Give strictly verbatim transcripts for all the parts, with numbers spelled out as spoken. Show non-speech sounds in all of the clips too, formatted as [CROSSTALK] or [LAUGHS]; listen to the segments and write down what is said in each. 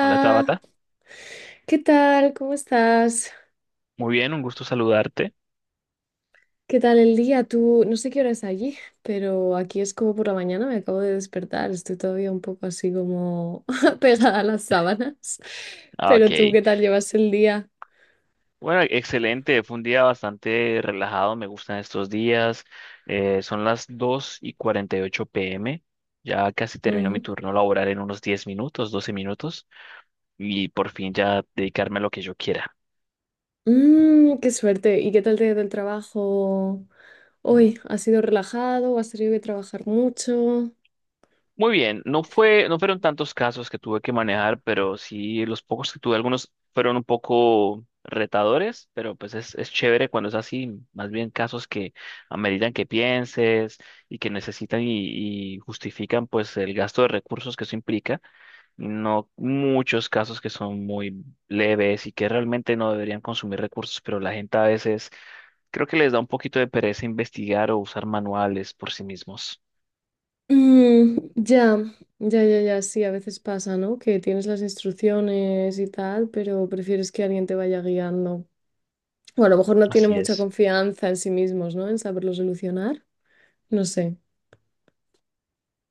Hola Tabata, ¿qué tal? ¿Cómo estás? muy bien, un gusto saludarte. ¿Qué tal el día? Tú, no sé qué hora es allí, pero aquí es como por la mañana, me acabo de despertar, estoy todavía un poco así como [LAUGHS] pegada a las sábanas. Ah, ok, Pero tú, ¿qué tal llevas el día? bueno, excelente, fue un día bastante relajado, me gustan estos días. Eh, son dos y cuarenta y ocho p m, ya casi termino mi Ujú. turno laboral en unos diez minutos, doce minutos, y por fin ya dedicarme a lo que yo quiera. Mm, qué suerte. ¿Y qué tal te ha ido el trabajo hoy? ¿Has sido relajado o has tenido que trabajar mucho? Muy bien, no fue, no fueron tantos casos que tuve que manejar, pero sí los pocos que tuve, algunos fueron un poco retadores, pero pues es, es chévere cuando es así, más bien casos que ameritan que pienses y que necesitan y, y justifican pues el gasto de recursos que eso implica, no muchos casos que son muy leves y que realmente no deberían consumir recursos, pero la gente a veces creo que les da un poquito de pereza investigar o usar manuales por sí mismos. Mm, ya, ya, ya, ya, sí, a veces pasa, ¿no? Que tienes las instrucciones y tal, pero prefieres que alguien te vaya guiando. O a lo mejor no tienen Así mucha es. confianza en sí mismos, ¿no? En saberlo solucionar. No sé.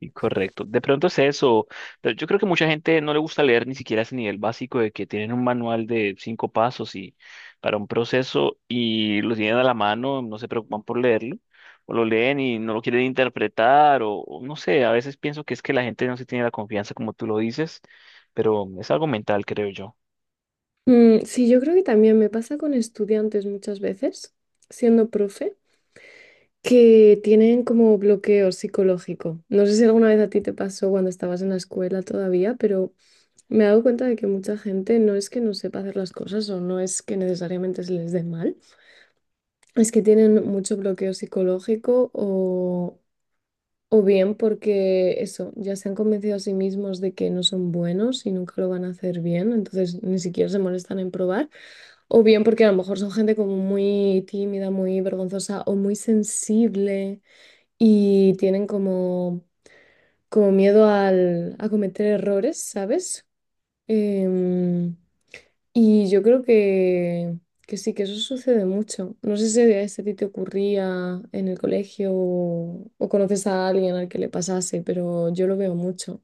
Y correcto. De pronto es eso, pero yo creo que mucha gente no le gusta leer ni siquiera ese nivel básico de que tienen un manual de cinco pasos y para un proceso y lo tienen a la mano, no se preocupan por leerlo, o lo leen y no lo quieren interpretar, o, o no sé, a veces pienso que es que la gente no se tiene la confianza como tú lo dices, pero es algo mental, creo yo. Mm, sí, yo creo que también me pasa con estudiantes muchas veces, siendo profe, que tienen como bloqueo psicológico. No sé si alguna vez a ti te pasó cuando estabas en la escuela todavía, pero me he dado cuenta de que mucha gente no es que no sepa hacer las cosas o no es que necesariamente se les dé mal. Es que tienen mucho bloqueo psicológico o, o bien porque eso, ya se han convencido a sí mismos de que no son buenos y nunca lo van a hacer bien, entonces ni siquiera se molestan en probar, o bien porque a lo mejor son gente como muy tímida, muy vergonzosa o muy sensible y tienen como, como miedo al, a cometer errores, ¿sabes? Em, y yo creo que, que sí, que eso sucede mucho. No sé si a si a ti te ocurría en el colegio o, o conoces a alguien al que le pasase, pero yo lo veo mucho,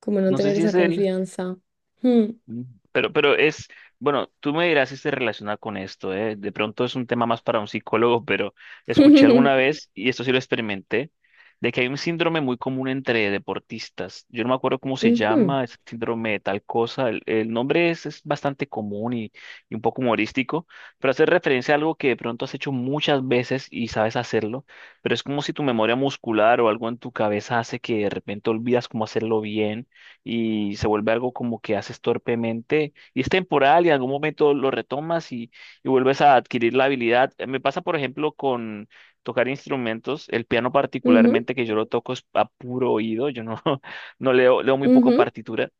como no No sé tener si esa es el... confianza. Hmm. Mm. Pero, pero es, bueno, tú me dirás si se relaciona con esto, ¿eh? De pronto es un tema más para un psicólogo, pero escuché alguna [LAUGHS] vez, y esto sí lo experimenté, de que hay un síndrome muy común entre deportistas. Yo no me acuerdo cómo se Ujú, llama, es síndrome de tal cosa. El, el nombre es, es bastante común y, y un poco humorístico, pero hace referencia a algo que de pronto has hecho muchas veces y sabes hacerlo, pero es como si tu memoria muscular o algo en tu cabeza hace que de repente olvidas cómo hacerlo bien y se vuelve algo como que haces torpemente y es temporal y en algún momento lo retomas y, y vuelves a adquirir la habilidad. Eh, Me pasa, por ejemplo, con tocar instrumentos, el piano ujú, particularmente que yo lo toco es a puro oído, yo no, [LAUGHS] no leo, leo muy poco ujú, partitura.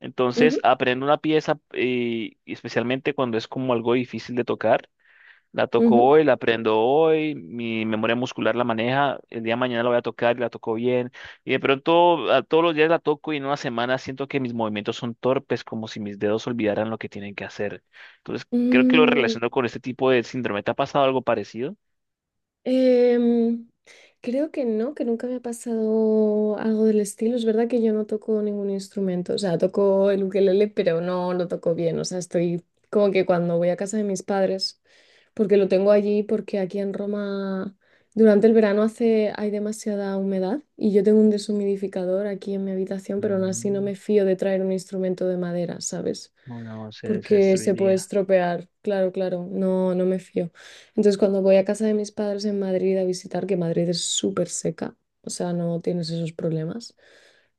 Entonces ujú, aprendo una pieza eh, y especialmente cuando es como algo difícil de tocar la toco ujú. hoy, la aprendo hoy, mi memoria muscular la maneja, el día de mañana la voy a tocar y la toco bien. Y de pronto a todos los días la toco y en una semana siento que mis movimientos son torpes, como si mis dedos olvidaran lo que tienen que hacer. Entonces, creo que lo Mm, relaciono con este tipo de síndrome. ¿Te ha pasado algo parecido? Em, creo que no, que nunca me ha pasado algo del estilo. Es verdad que yo no toco ningún instrumento, o sea, toco el ukelele, pero no lo toco bien. O sea, estoy como que cuando voy a casa de mis padres, porque lo tengo allí, porque aquí en Roma durante el verano hace, hay demasiada humedad y yo tengo un deshumidificador aquí en mi habitación, pero aún así no Mm, me fío de traer un instrumento de madera, ¿sabes? Bueno, se, se Porque se puede destruiría. estropear. Claro, claro, no, no me fío. Entonces, cuando voy a casa de mis padres en Madrid a visitar, que Madrid es súper seca, o sea, no tienes esos problemas,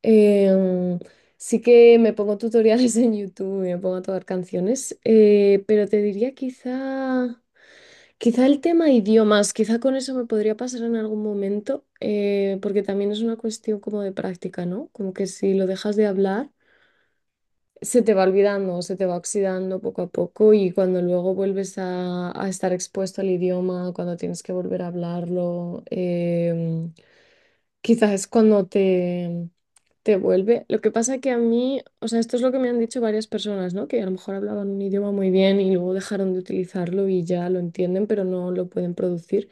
em, sí que me pongo tutoriales [LAUGHS] en YouTube y me pongo a tocar canciones, eh, pero te diría quizá, quizá el tema idiomas, quizá con eso me podría pasar en algún momento, eh, porque también es una cuestión como de práctica, ¿no? Como que si lo dejas de hablar se te va olvidando, se te va oxidando poco a poco y cuando luego vuelves a, a estar expuesto al idioma, cuando tienes que volver a hablarlo, em, quizás es cuando te, te vuelve. Lo que pasa que a mí, o sea, esto es lo que me han dicho varias personas, ¿no? Que a lo mejor hablaban un idioma muy bien y luego dejaron de utilizarlo y ya lo entienden, pero no lo pueden producir.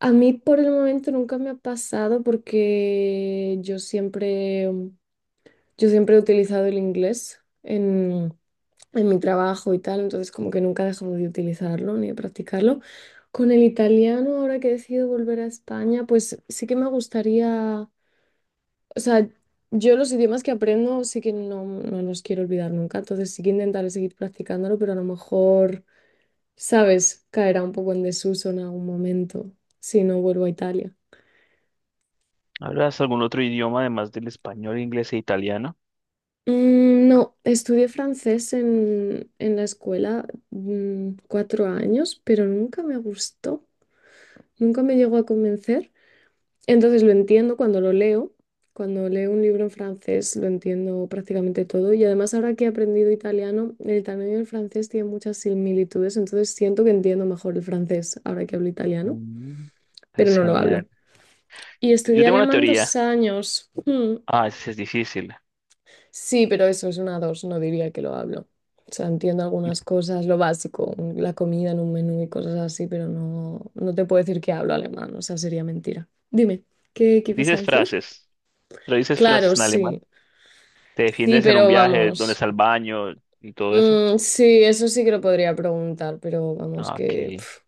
A mí por el momento nunca me ha pasado porque yo siempre, yo siempre he utilizado el inglés en, en mi trabajo y tal, entonces como que nunca he dejado de utilizarlo ni de practicarlo. Con el italiano, ahora que he decidido volver a España, pues sí que me gustaría, o sea, yo los idiomas que aprendo sí que no, no los quiero olvidar nunca, entonces sí que intentaré seguir practicándolo, pero a lo mejor, sabes, caerá un poco en desuso en algún momento si no vuelvo a Italia. ¿Hablas algún otro idioma además del español, inglés e italiano? Mm, No, estudié francés en, en la escuela mm, cuatro años, pero nunca me gustó, nunca me llegó a convencer. Entonces lo entiendo cuando lo leo, cuando leo un libro en francés lo entiendo prácticamente todo y además ahora que he aprendido italiano, el italiano y el francés tienen muchas similitudes, entonces siento que entiendo mejor el francés ahora que hablo italiano, Mm, Eso pero es no lo hablo. genial. Y Yo estudié tengo una alemán teoría. dos años. Mm. Ah, es, es difícil. Sí, pero eso es una dos, no diría que lo hablo. O sea, entiendo algunas cosas, lo básico, un- la comida en un menú y cosas así, pero no, no te puedo decir que hablo alemán, o sea, sería mentira. Dime, ¿qué, qué ibas a Dices decir? frases. Pero dices Claro, frases en sí. alemán. Te Sí, defiendes en un pero viaje, dónde vamos. está el baño y todo eso. Mm, sí, eso sí que lo podría preguntar, pero vamos Ah, que ok. pf,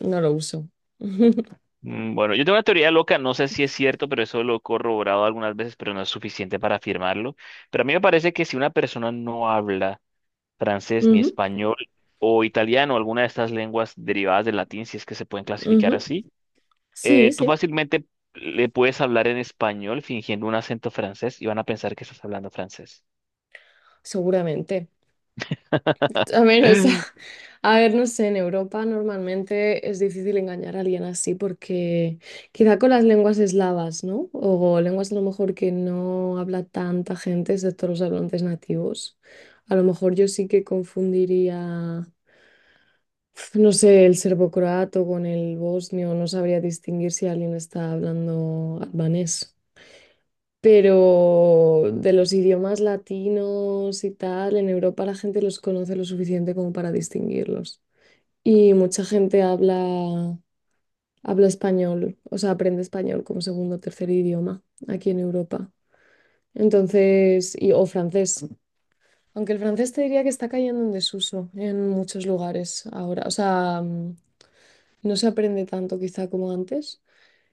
no lo uso. [LAUGHS] Mm, Bueno, yo tengo una teoría loca, no sé si es cierto, pero eso lo he corroborado algunas veces, pero no es suficiente para afirmarlo. Pero a mí me parece que si una persona no habla francés ni Ujú, español o italiano, alguna de estas lenguas derivadas del latín, si es que se pueden clasificar ujú. así, Sí, eh, tú sí, fácilmente le puedes hablar en español fingiendo un acento francés y van a pensar que estás hablando francés. seguramente. A [LAUGHS] ver, o sea, [LAUGHS] a ver, no sé, en Europa normalmente es difícil engañar a alguien así porque quizá con las lenguas eslavas, ¿no? O lenguas a lo mejor que no habla tanta gente, excepto los hablantes nativos. A lo mejor yo sí que confundiría. No sé, el serbocroato con el bosnio, no sabría distinguir si alguien está hablando albanés. Pero de los idiomas latinos y tal, en Europa la gente los conoce lo suficiente como para distinguirlos. Y mucha gente habla, habla español, o sea, aprende español como segundo o tercer idioma aquí en Europa. Entonces, y, o francés. Aunque el francés te diría que está cayendo en desuso en muchos lugares ahora. O sea, mm, no se aprende tanto quizá como antes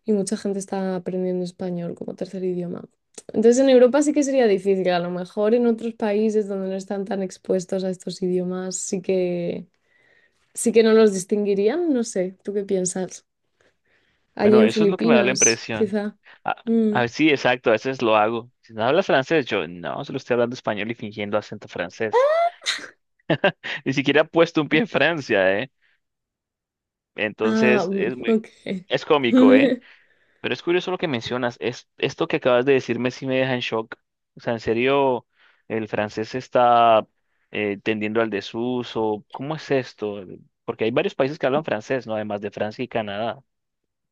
y mucha gente está aprendiendo español como tercer idioma. Entonces en Europa sí que sería difícil, a lo mejor en otros países donde no están tan expuestos a estos idiomas sí que sí que no los distinguirían, no sé, ¿tú qué piensas? Allí Bueno, en eso es lo que me da la Filipinas, impresión. quizá. Ah, Mm. ah, sí, exacto, a veces lo hago. Si no hablas francés, yo no, solo estoy hablando español y fingiendo acento francés. [LAUGHS] Ni siquiera he puesto un pie en Francia, ¿eh? Ah, Entonces mm, es muy, ok. es cómico, ¿eh? [LAUGHS] Pero es curioso lo que mencionas. Es, esto que acabas de decirme sí me deja en shock. O sea, en serio, el francés está eh, tendiendo al desuso. ¿Cómo es esto? Porque hay varios países que hablan francés, ¿no? Además de Francia y Canadá.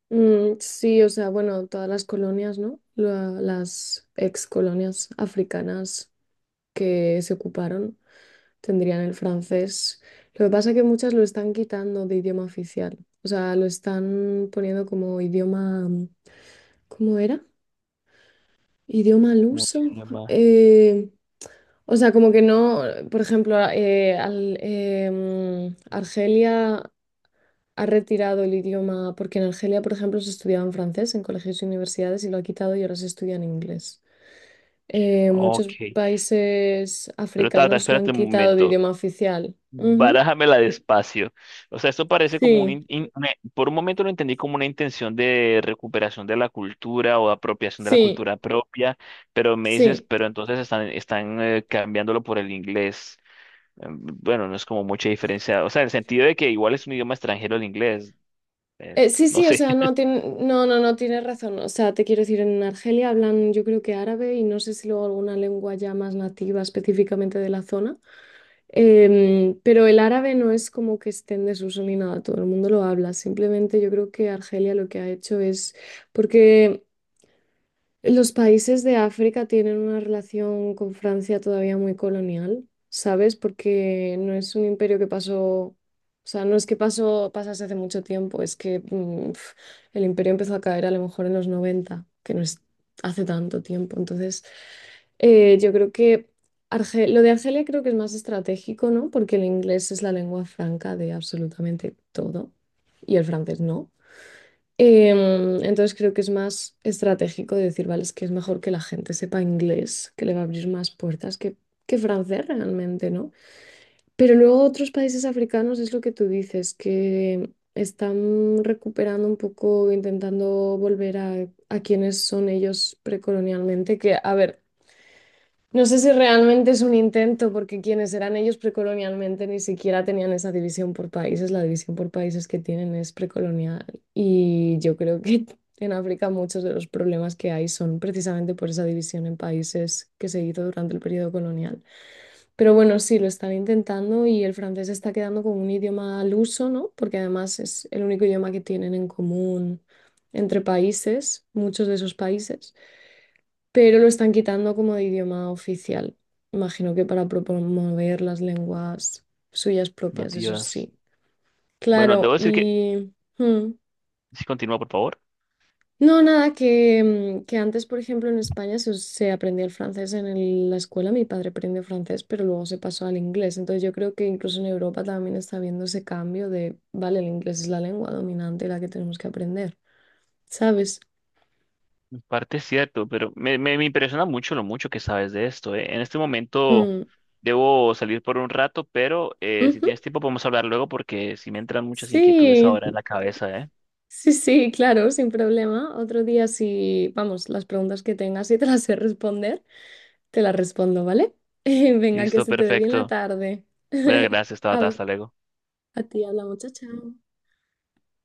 Mm, sí, o sea, bueno, todas las colonias, ¿no? La- las ex colonias africanas que se ocuparon tendrían el francés. Lo que pasa es que muchas lo están quitando de idioma oficial. O sea, lo están poniendo como idioma, ¿cómo era? Idioma al Como un uso. idioma. Eh, o sea, como que no, por ejemplo, a- eh, al- em, Argelia ha retirado el idioma, porque en Argelia, por ejemplo, se estudiaba en francés en colegios y universidades y lo ha quitado y ahora se estudia en inglés. Eh, muchos Ok. países Pero Tata, africanos lo han espérate un quitado de momento. idioma oficial. Ujú. Barájamela despacio. O sea, esto parece como un... Sí. in- in- una- por un momento lo entendí como una intención de recuperación de la cultura o apropiación de la Sí, cultura propia, pero me dices, sí. pero entonces están, están eh, cambiándolo por el inglés. Eh, Bueno, no es como mucha diferencia. O sea, en el sentido de que igual es un idioma extranjero el inglés. Eh, Eh, sí, no sí, o sé, sea, no, [LAUGHS] tiene, no, no, no tienes razón. O sea, te quiero decir, en Argelia hablan yo creo que árabe y no sé si luego alguna lengua ya más nativa específicamente de la zona. Em, pero el árabe no es como que esté en desuso ni nada, todo el mundo lo habla. Simplemente yo creo que Argelia lo que ha hecho es porque los países de África tienen una relación con Francia todavía muy colonial, ¿sabes? Porque no es un imperio que pasó, o sea, no es que pasó, pasase hace mucho tiempo, es que mm, pf, el imperio empezó a caer a lo mejor en los noventa, que no es hace tanto tiempo. Entonces, eh, yo creo que Arge- lo de Argelia creo que es más estratégico, ¿no? Porque el inglés es la lengua franca de absolutamente todo y el francés no. Em, entonces creo que es más estratégico de decir, vale, es que es mejor que la gente sepa inglés, que le va a abrir más puertas que, que francés realmente, ¿no? Pero luego otros países africanos es lo que tú dices, que están recuperando un poco, intentando volver a, a quienes son ellos precolonialmente, que a ver, no sé si realmente es un intento, porque quienes eran ellos precolonialmente ni siquiera tenían esa división por países. La división por países que tienen es precolonial. Y yo creo que [LAUGHS] en África muchos de los problemas que hay son precisamente por esa división en países que se hizo durante el periodo colonial. Pero bueno, sí, lo están intentando y el francés está quedando como un idioma al uso, ¿no? Porque además es el único idioma que tienen en común entre países, muchos de esos países, pero lo están quitando como de idioma oficial. Imagino que para promover las lenguas suyas propias, eso nativas. sí. Bueno, Claro, debo decir que... y hmm. si continúa, por favor. No, nada, que, mm, que antes, por ejemplo, en España se, us- se aprendía el francés en el- la escuela, mi padre aprendió francés, pero luego se pasó al inglés. Entonces yo creo que incluso en Europa también está habiendo ese cambio de, vale, el inglés es la lengua dominante, la que tenemos que aprender, ¿sabes? Parte es cierto, pero me, me, me impresiona mucho lo mucho que sabes de esto, ¿eh? En este momento Mm, debo salir por un rato, pero eh, si ujú. tienes tiempo podemos hablar luego porque si me entran muchas inquietudes Sí, ahora en la cabeza, ¿eh? sí, sí, claro, sin problema. Otro día, si, vamos, las preguntas que tengas y te las sé responder, te las respondo, ¿vale? [LAUGHS] Venga, que Listo, se te dé bien la perfecto. tarde. Bueno, [LAUGHS] gracias, Tabata, Habla- hasta luego. A ti, habla muchacha.